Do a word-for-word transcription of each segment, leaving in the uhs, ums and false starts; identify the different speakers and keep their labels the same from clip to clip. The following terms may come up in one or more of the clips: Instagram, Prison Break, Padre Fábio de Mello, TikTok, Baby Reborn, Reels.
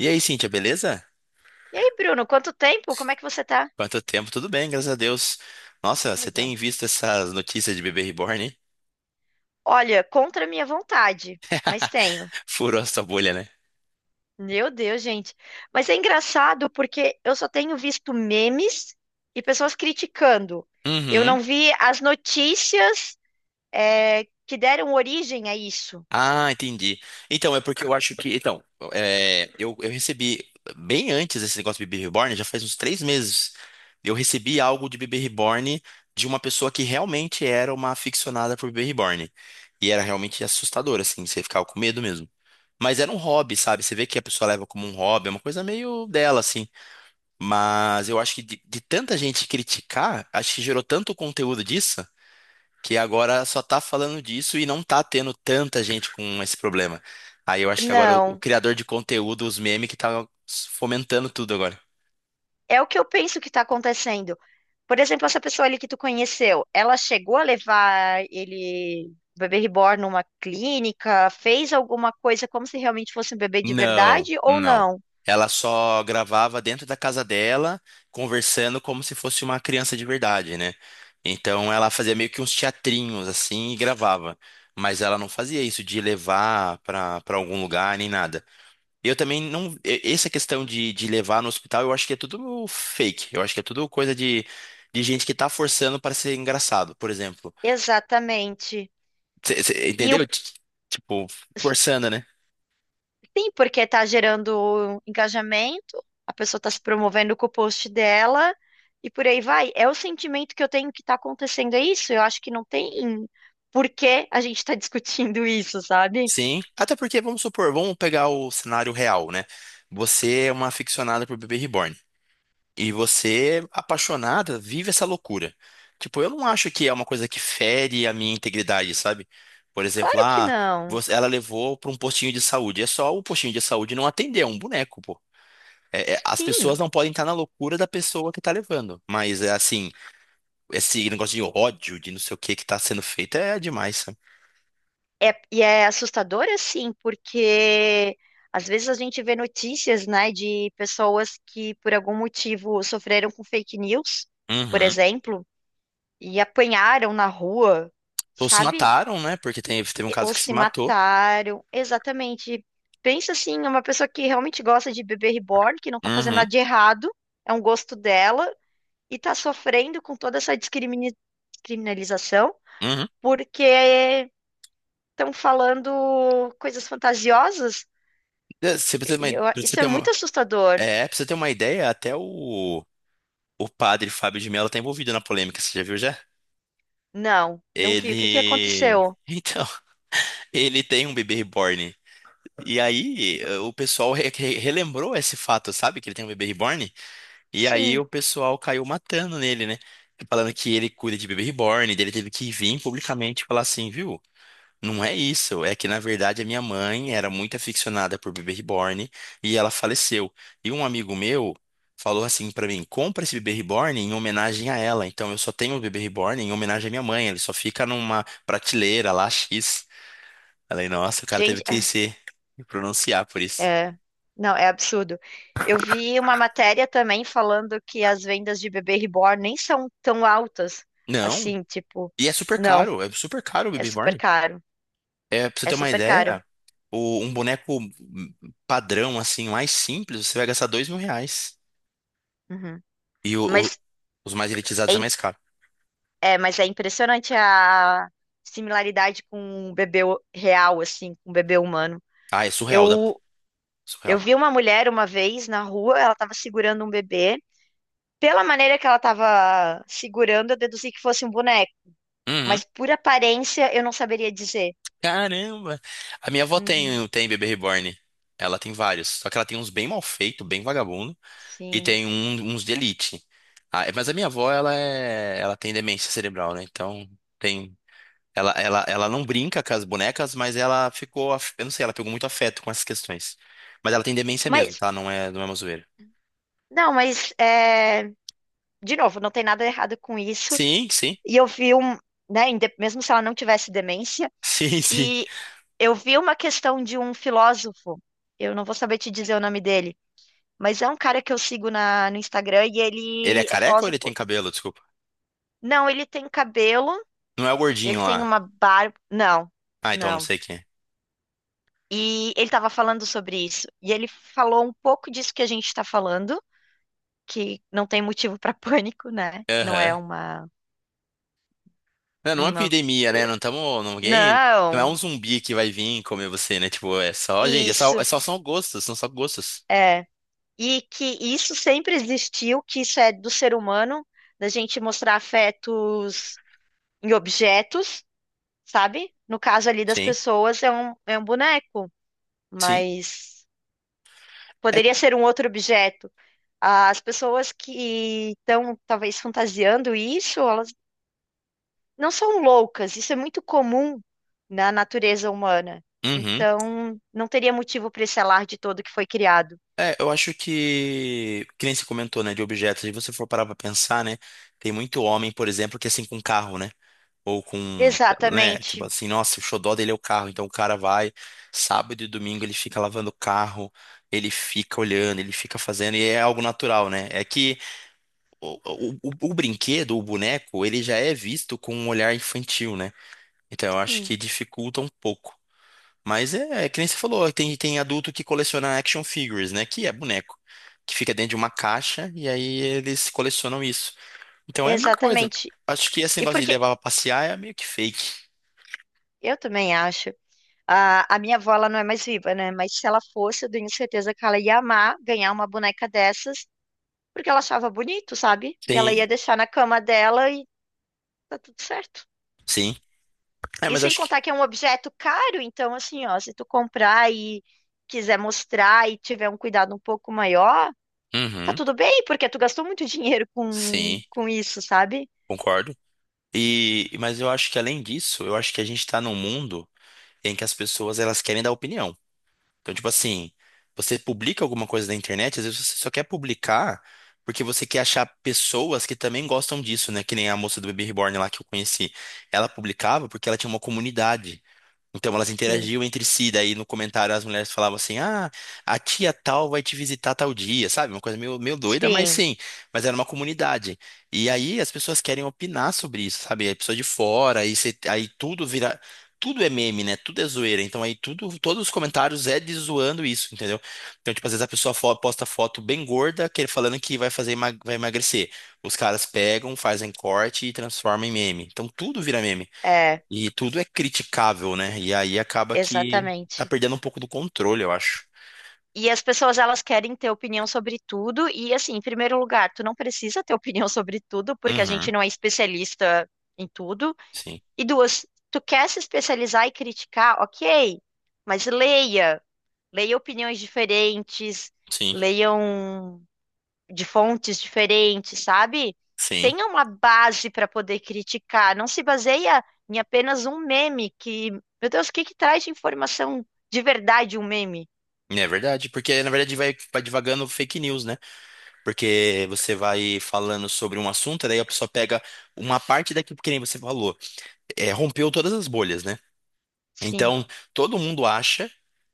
Speaker 1: E aí, Cíntia, beleza?
Speaker 2: E aí, Bruno, quanto tempo? Como é que você tá?
Speaker 1: Quanto tempo? Tudo bem, graças a Deus. Nossa,
Speaker 2: Ah,
Speaker 1: você
Speaker 2: legal.
Speaker 1: tem visto essas notícias de bebê reborn, hein?
Speaker 2: Olha, contra a minha vontade, mas tenho.
Speaker 1: Furou a sua bolha, né?
Speaker 2: Meu Deus, gente. Mas é engraçado porque eu só tenho visto memes e pessoas criticando. Eu
Speaker 1: Uhum.
Speaker 2: não vi as notícias, é, que deram origem a isso.
Speaker 1: Ah, entendi. Então, é porque eu acho que. Então, é, eu, eu recebi, bem antes desse negócio de bebê reborn, já faz uns três meses, eu recebi algo de bebê reborn de uma pessoa que realmente era uma aficionada por bebê reborn. E era realmente assustador, assim, você ficava com medo mesmo. Mas era um hobby, sabe? Você vê que a pessoa leva como um hobby, é uma coisa meio dela, assim. Mas eu acho que de, de tanta gente criticar, acho que gerou tanto conteúdo disso, que agora só tá falando disso e não tá tendo tanta gente com esse problema. Aí eu acho que agora o, o
Speaker 2: Não.
Speaker 1: criador de conteúdo, os memes, que tá fomentando tudo agora.
Speaker 2: É o que eu penso que está acontecendo. Por exemplo, essa pessoa ali que tu conheceu, ela chegou a levar ele, o bebê reborn, numa clínica, fez alguma coisa como se realmente fosse um bebê de
Speaker 1: Não,
Speaker 2: verdade ou
Speaker 1: não.
Speaker 2: não?
Speaker 1: Ela só gravava dentro da casa dela, conversando como se fosse uma criança de verdade, né? Então ela fazia meio que uns teatrinhos assim e gravava. Mas ela não fazia isso de levar pra, pra algum lugar nem nada. Eu também não. e- Essa questão de, de levar no hospital, eu acho que é tudo fake. Eu acho que é tudo coisa de, de gente que tá forçando para ser engraçado, por exemplo.
Speaker 2: Exatamente.
Speaker 1: Cê- cê
Speaker 2: E o,
Speaker 1: entendeu? T- Tipo, forçando, né?
Speaker 2: sim, porque tá gerando engajamento, a pessoa tá se promovendo com o post dela e por aí vai. É o sentimento que eu tenho que tá acontecendo, é isso? Eu acho que não tem por que a gente tá discutindo isso, sabe?
Speaker 1: Sim. Até porque, vamos supor, vamos pegar o cenário real, né? Você é uma aficionada por bebê reborn. E você, apaixonada, vive essa loucura. Tipo, eu não acho que é uma coisa que fere a minha integridade, sabe? Por exemplo,
Speaker 2: Claro que
Speaker 1: ah,
Speaker 2: não.
Speaker 1: você- ela levou para um postinho de saúde. É só o postinho de saúde não atender, é um boneco, pô. É- é- as pessoas
Speaker 2: Sim,
Speaker 1: não podem estar na loucura da pessoa que tá levando. Mas é assim, esse negócio de ódio, de não sei o que que tá sendo feito é demais, sabe?
Speaker 2: é, e é assustador assim, porque às vezes a gente vê notícias, né, de pessoas que por algum motivo sofreram com fake news, por
Speaker 1: Uhum.
Speaker 2: exemplo, e apanharam na rua,
Speaker 1: Ou se
Speaker 2: sabe?
Speaker 1: mataram, né? Porque tem- teve um
Speaker 2: E-
Speaker 1: caso
Speaker 2: Ou
Speaker 1: que se
Speaker 2: se
Speaker 1: matou.
Speaker 2: mataram. Exatamente. Pensa assim, uma pessoa que realmente gosta de bebê reborn, que não tá fazendo
Speaker 1: Uhum.
Speaker 2: nada de errado, é um gosto dela, e tá sofrendo com toda essa discrimini- criminalização,
Speaker 1: Uhum.
Speaker 2: porque estão falando coisas fantasiosas.
Speaker 1: É, você precisa ter uma,
Speaker 2: E eu-
Speaker 1: pra você
Speaker 2: isso é
Speaker 1: ter
Speaker 2: muito
Speaker 1: uma,
Speaker 2: assustador.
Speaker 1: é, pra você ter uma ideia, até o. O padre Fábio de Mello tá envolvido na polêmica, você já viu já?
Speaker 2: Não, não vi. O que que
Speaker 1: Ele.
Speaker 2: aconteceu?
Speaker 1: Então, ele tem um bebê reborn. E aí, eh, o pessoal re- re- relembrou esse fato, sabe? Que ele tem um bebê reborn. E aí,
Speaker 2: Sim,
Speaker 1: o pessoal caiu matando nele, né? Falando que ele cuida de bebê reborn. Daí ele teve que vir publicamente e falar assim, viu? Não é isso, é que na verdade a minha mãe era muito aficionada por bebê reborn e ela faleceu. E um amigo meu falou assim pra mim: compra esse bebê reborn em homenagem a ela. Então eu só tenho o bebê reborn em homenagem à minha mãe, ele só fica numa prateleira lá X. Falei: nossa, o cara teve
Speaker 2: gente,
Speaker 1: que
Speaker 2: é,
Speaker 1: se pronunciar por isso.
Speaker 2: é- não, é absurdo. Eu vi uma matéria também falando que as vendas de bebê reborn nem são tão altas
Speaker 1: Não,
Speaker 2: assim, tipo,
Speaker 1: e é super
Speaker 2: não,
Speaker 1: caro, é super caro o
Speaker 2: é
Speaker 1: bebê
Speaker 2: super
Speaker 1: reborn.
Speaker 2: caro,
Speaker 1: É, pra você
Speaker 2: é
Speaker 1: ter uma
Speaker 2: super caro.
Speaker 1: ideia, o- um boneco padrão, assim, mais simples, você vai gastar dois mil reais.
Speaker 2: Uhum.
Speaker 1: E o,
Speaker 2: Mas
Speaker 1: os mais
Speaker 2: é,
Speaker 1: elitizados é
Speaker 2: im-
Speaker 1: mais caro.
Speaker 2: é, mas é impressionante a similaridade com um bebê o- real, assim, com um bebê humano.
Speaker 1: Ah, é surreal, da...
Speaker 2: Eu Eu
Speaker 1: surreal.
Speaker 2: vi uma mulher uma vez na rua, ela estava segurando um bebê. Pela maneira que ela estava segurando, eu deduzi que fosse um boneco,
Speaker 1: Uhum.
Speaker 2: mas por aparência eu não saberia dizer.
Speaker 1: Caramba! A minha avó
Speaker 2: Uhum,
Speaker 1: tem, tem bebê reborn. Ela tem vários. Só que ela tem uns bem mal feito, bem vagabundo. E
Speaker 2: sim.
Speaker 1: tem um- uns de elite. Ah, é- mas a minha avó, ela é... Ela tem demência cerebral, né? Então, tem... Ela, ela, ela não brinca com as bonecas, mas ela ficou... af- Eu não sei, ela pegou muito afeto com essas questões. Mas ela tem demência mesmo,
Speaker 2: Mas,
Speaker 1: tá? Não é, não é uma zoeira.
Speaker 2: não, mas, é, de novo, não tem nada errado com isso.
Speaker 1: Sim, sim.
Speaker 2: E eu vi um, né, inde- Mesmo se ela não tivesse demência,
Speaker 1: Sim, sim.
Speaker 2: e eu vi uma questão de um filósofo, eu não vou saber te dizer o nome dele, mas é um cara que eu sigo na, no Instagram e
Speaker 1: Ele é
Speaker 2: ele é
Speaker 1: careca ou ele tem
Speaker 2: filósofo.
Speaker 1: cabelo? Desculpa.
Speaker 2: Não, ele tem cabelo.
Speaker 1: Não é o gordinho
Speaker 2: Ele tem
Speaker 1: lá.
Speaker 2: uma barba. Não,
Speaker 1: Ah, então não
Speaker 2: não.
Speaker 1: sei quem é.
Speaker 2: E ele estava falando sobre isso. E ele falou um pouco disso que a gente está falando, que não tem motivo para pânico, né? Não é
Speaker 1: Aham.
Speaker 2: uma,
Speaker 1: Não, não é uma
Speaker 2: uma.
Speaker 1: epidemia, né? Não estamos. Ninguém. Não é um
Speaker 2: Não,
Speaker 1: zumbi que vai vir comer você, né? Tipo, é só, gente, é só, é
Speaker 2: isso
Speaker 1: só são gostos, são só gostos.
Speaker 2: é. E que isso sempre existiu, que isso é do ser humano, da gente mostrar afetos em objetos, sabe? No caso ali das
Speaker 1: Sim,
Speaker 2: pessoas, é um, é um boneco,
Speaker 1: sim.
Speaker 2: mas
Speaker 1: É,
Speaker 2: poderia ser um outro objeto. As pessoas que estão talvez fantasiando isso, elas não são loucas, isso é muito comum na natureza humana.
Speaker 1: uhum.
Speaker 2: Então, não teria motivo para esse alarde todo que foi criado.
Speaker 1: É, eu acho que, que nem se comentou, né, de objetos, se você for parar pra pensar, né, tem muito homem, por exemplo, que é assim com carro, né, ou com, né, tipo
Speaker 2: Exatamente,
Speaker 1: assim, nossa, o xodó dele é o carro, então o cara vai, sábado e domingo ele fica lavando o carro, ele fica olhando, ele fica fazendo, e é algo natural, né, é que o, o, o- brinquedo, o boneco, ele já é visto com um olhar infantil, né? Então eu acho
Speaker 2: sim,
Speaker 1: que dificulta um pouco. Mas é, é que nem você falou, tem, tem adulto que coleciona action figures, né? Que é boneco. Que fica dentro de uma caixa e aí eles colecionam isso. Então é a mesma coisa.
Speaker 2: exatamente.
Speaker 1: Acho que esse
Speaker 2: E
Speaker 1: negócio de
Speaker 2: porque
Speaker 1: levar pra passear é meio que fake.
Speaker 2: eu também acho, a, a minha avó, ela não é mais viva, né? Mas se ela fosse, eu tenho certeza que ela ia amar ganhar uma boneca dessas, porque ela achava bonito, sabe? E ela
Speaker 1: Tem,
Speaker 2: ia deixar na cama dela e tá tudo certo.
Speaker 1: sim. É,
Speaker 2: E
Speaker 1: mas eu
Speaker 2: sem
Speaker 1: acho que.
Speaker 2: contar que é um objeto caro, então assim, ó, se tu comprar e quiser mostrar e tiver um cuidado um pouco maior, tá
Speaker 1: Uhum,
Speaker 2: tudo bem, porque tu gastou muito dinheiro com,
Speaker 1: sim,
Speaker 2: com isso, sabe?
Speaker 1: concordo. E, mas eu acho que além disso, eu acho que a gente tá num mundo em que as pessoas elas querem dar opinião. Então, tipo assim, você publica alguma coisa na internet, às vezes você só quer publicar porque você quer achar pessoas que também gostam disso, né? Que nem a moça do Baby Reborn lá que eu conheci. Ela publicava porque ela tinha uma comunidade. Então elas
Speaker 2: Sim,
Speaker 1: interagiam entre si, daí no comentário as mulheres falavam assim: "Ah, a tia tal vai te visitar tal dia", sabe? Uma coisa meio, meio doida, mas
Speaker 2: sim,
Speaker 1: sim, mas era uma comunidade. E aí as pessoas querem opinar sobre isso, sabe? A pessoa de fora, aí, cê- aí tudo vira, tudo é meme, né? Tudo é zoeira. Então aí tudo, todos os comentários é de zoando isso, entendeu? Então, tipo, às vezes a pessoa fo- posta foto bem gorda, que ele falando que vai fazer, emag- vai emagrecer. Os caras pegam, fazem corte e transformam em meme. Então tudo vira meme.
Speaker 2: é,
Speaker 1: E tudo é criticável, né? E aí acaba que tá
Speaker 2: exatamente.
Speaker 1: perdendo um pouco do controle, eu acho.
Speaker 2: E as pessoas, elas querem ter opinião sobre tudo, e assim, em primeiro lugar, tu não precisa ter opinião sobre tudo, porque a
Speaker 1: Uhum.
Speaker 2: gente não é especialista em tudo.
Speaker 1: Sim,
Speaker 2: E duas, tu quer se especializar e criticar, ok, mas leia. Leiam opiniões diferentes,
Speaker 1: sim,
Speaker 2: leiam de fontes diferentes, sabe?
Speaker 1: sim.
Speaker 2: Tenha uma base para poder criticar. Não se baseia em apenas um meme que, meu Deus, o que que traz de informação de verdade um meme?
Speaker 1: É verdade, porque na verdade vai, vai divagando fake news, né? Porque você vai falando sobre um assunto, daí a pessoa pega uma parte daquilo que nem você falou. É, rompeu todas as bolhas, né?
Speaker 2: Sim,
Speaker 1: Então, todo mundo acha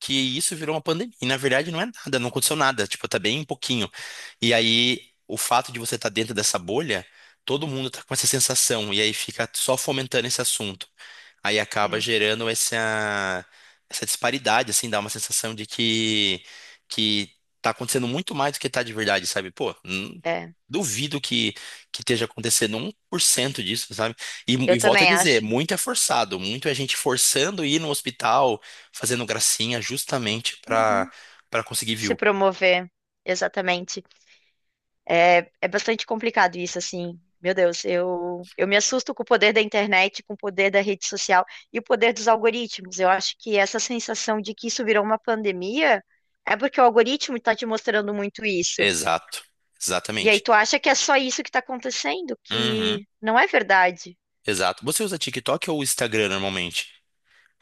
Speaker 1: que isso virou uma pandemia. E na verdade não é nada, não aconteceu nada, tipo, tá bem pouquinho. E aí, o fato de você estar dentro dessa bolha, todo mundo tá com essa sensação e aí fica só fomentando esse assunto. Aí acaba
Speaker 2: é,
Speaker 1: gerando essa, essa disparidade, assim, dá uma sensação de que, que tá acontecendo muito mais do que tá de verdade, sabe? Pô, hum,
Speaker 2: é.
Speaker 1: duvido que, que esteja acontecendo um por cento disso, sabe? E,
Speaker 2: Eu
Speaker 1: e volto a
Speaker 2: também
Speaker 1: dizer,
Speaker 2: acho.
Speaker 1: muito é forçado, muito é gente forçando ir no hospital, fazendo gracinha justamente pra,
Speaker 2: Uhum.
Speaker 1: pra conseguir
Speaker 2: Se
Speaker 1: view.
Speaker 2: promover, exatamente. É, é bastante complicado isso, assim. Meu Deus, eu, eu me assusto com o poder da internet, com o poder da rede social e o poder dos algoritmos. Eu acho que essa sensação de que isso virou uma pandemia é porque o algoritmo está te mostrando muito isso.
Speaker 1: Exato,
Speaker 2: E aí
Speaker 1: exatamente.
Speaker 2: tu acha que é só isso que está acontecendo,
Speaker 1: Uhum,
Speaker 2: que não é verdade.
Speaker 1: exato. Você usa TikTok ou Instagram normalmente?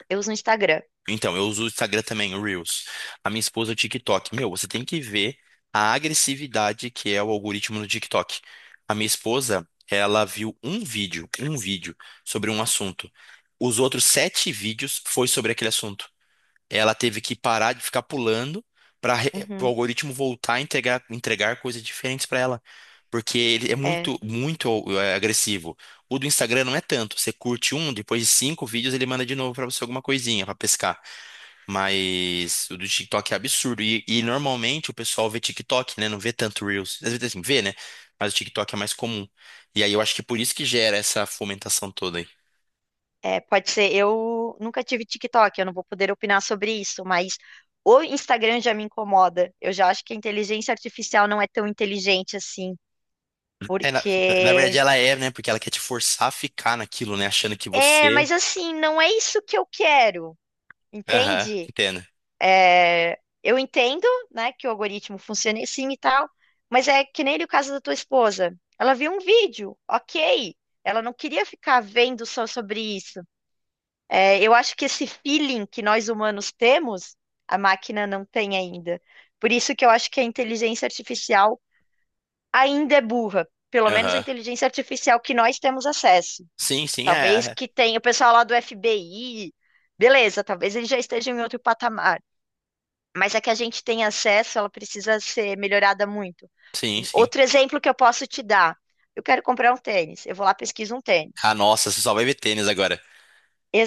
Speaker 2: Eu uso o Instagram.
Speaker 1: Então, eu uso o Instagram também, o Reels. A minha esposa, é o TikTok. Meu, você tem que ver a agressividade que é o algoritmo no TikTok. A minha esposa, ela viu um vídeo, um vídeo sobre um assunto. Os outros sete vídeos foi sobre aquele assunto. Ela teve que parar de ficar pulando para o
Speaker 2: Uhum,
Speaker 1: algoritmo voltar a entregar, entregar coisas diferentes para ela. Porque ele é
Speaker 2: é,
Speaker 1: muito, muito é, agressivo. O do Instagram não é tanto. Você curte um, depois de cinco vídeos ele manda de novo para você alguma coisinha para pescar. Mas o do TikTok é absurdo. E, e normalmente o pessoal vê TikTok, né? Não vê tanto Reels. Às vezes assim, vê, né? Mas o TikTok é mais comum. E aí eu acho que por isso que gera essa fomentação toda aí.
Speaker 2: é, pode ser. Eu nunca tive TikTok, eu não vou poder opinar sobre isso, mas o Instagram já me incomoda. Eu já acho que a inteligência artificial não é tão inteligente assim.
Speaker 1: É, na, na- na verdade
Speaker 2: Porque
Speaker 1: ela é, né? Porque ela quer te forçar a ficar naquilo, né? Achando que
Speaker 2: é,
Speaker 1: você.
Speaker 2: mas assim, não é isso que eu quero,
Speaker 1: Aham,
Speaker 2: entende?
Speaker 1: entendo.
Speaker 2: É, eu entendo, né, que o algoritmo funciona assim e tal, mas é que nem o caso da tua esposa. Ela viu um vídeo, ok. Ela não queria ficar vendo só sobre isso. É, eu acho que esse feeling que nós humanos temos, a máquina não tem ainda. Por isso que eu acho que a inteligência artificial ainda é burra. Pelo menos a
Speaker 1: Aham.
Speaker 2: inteligência artificial que nós temos acesso.
Speaker 1: Sim, sim,
Speaker 2: Talvez
Speaker 1: é.
Speaker 2: que tenha o pessoal lá do F B I. Beleza, talvez eles já estejam em outro patamar. Mas é que a gente tem acesso, ela precisa ser melhorada muito.
Speaker 1: Sim, sim.
Speaker 2: Outro exemplo que eu posso te dar. Eu quero comprar um tênis. Eu vou lá, pesquiso um tênis.
Speaker 1: Ah, nossa, você só vai ver tênis agora.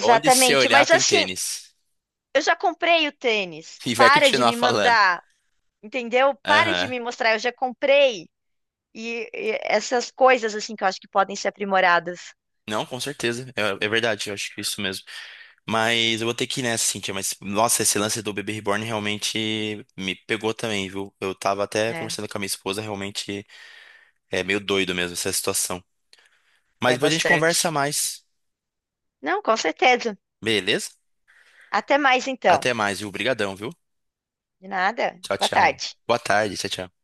Speaker 1: Onde você olhar
Speaker 2: Mas
Speaker 1: tem
Speaker 2: assim,
Speaker 1: tênis.
Speaker 2: eu já comprei o tênis.
Speaker 1: E vai
Speaker 2: Para de
Speaker 1: continuar
Speaker 2: me
Speaker 1: falando.
Speaker 2: mandar, entendeu? Para de
Speaker 1: Aham.
Speaker 2: me mostrar. Eu já comprei. E, e essas coisas assim que eu acho que podem ser aprimoradas.
Speaker 1: Não, com certeza. É, é verdade, eu acho que é isso mesmo. Mas eu vou ter que ir nessa, Cintia. Mas, nossa, esse lance do bebê reborn realmente me pegou também, viu? Eu tava até
Speaker 2: É,
Speaker 1: conversando com a minha esposa, realmente é meio doido mesmo essa situação. Mas
Speaker 2: é
Speaker 1: depois a gente
Speaker 2: bastante.
Speaker 1: conversa mais,
Speaker 2: Não, com certeza.
Speaker 1: beleza?
Speaker 2: Até mais então.
Speaker 1: Até mais, viu? Obrigadão, viu?
Speaker 2: De nada.
Speaker 1: Tchau,
Speaker 2: Boa
Speaker 1: tchau.
Speaker 2: tarde.
Speaker 1: Boa tarde, tchau, tchau.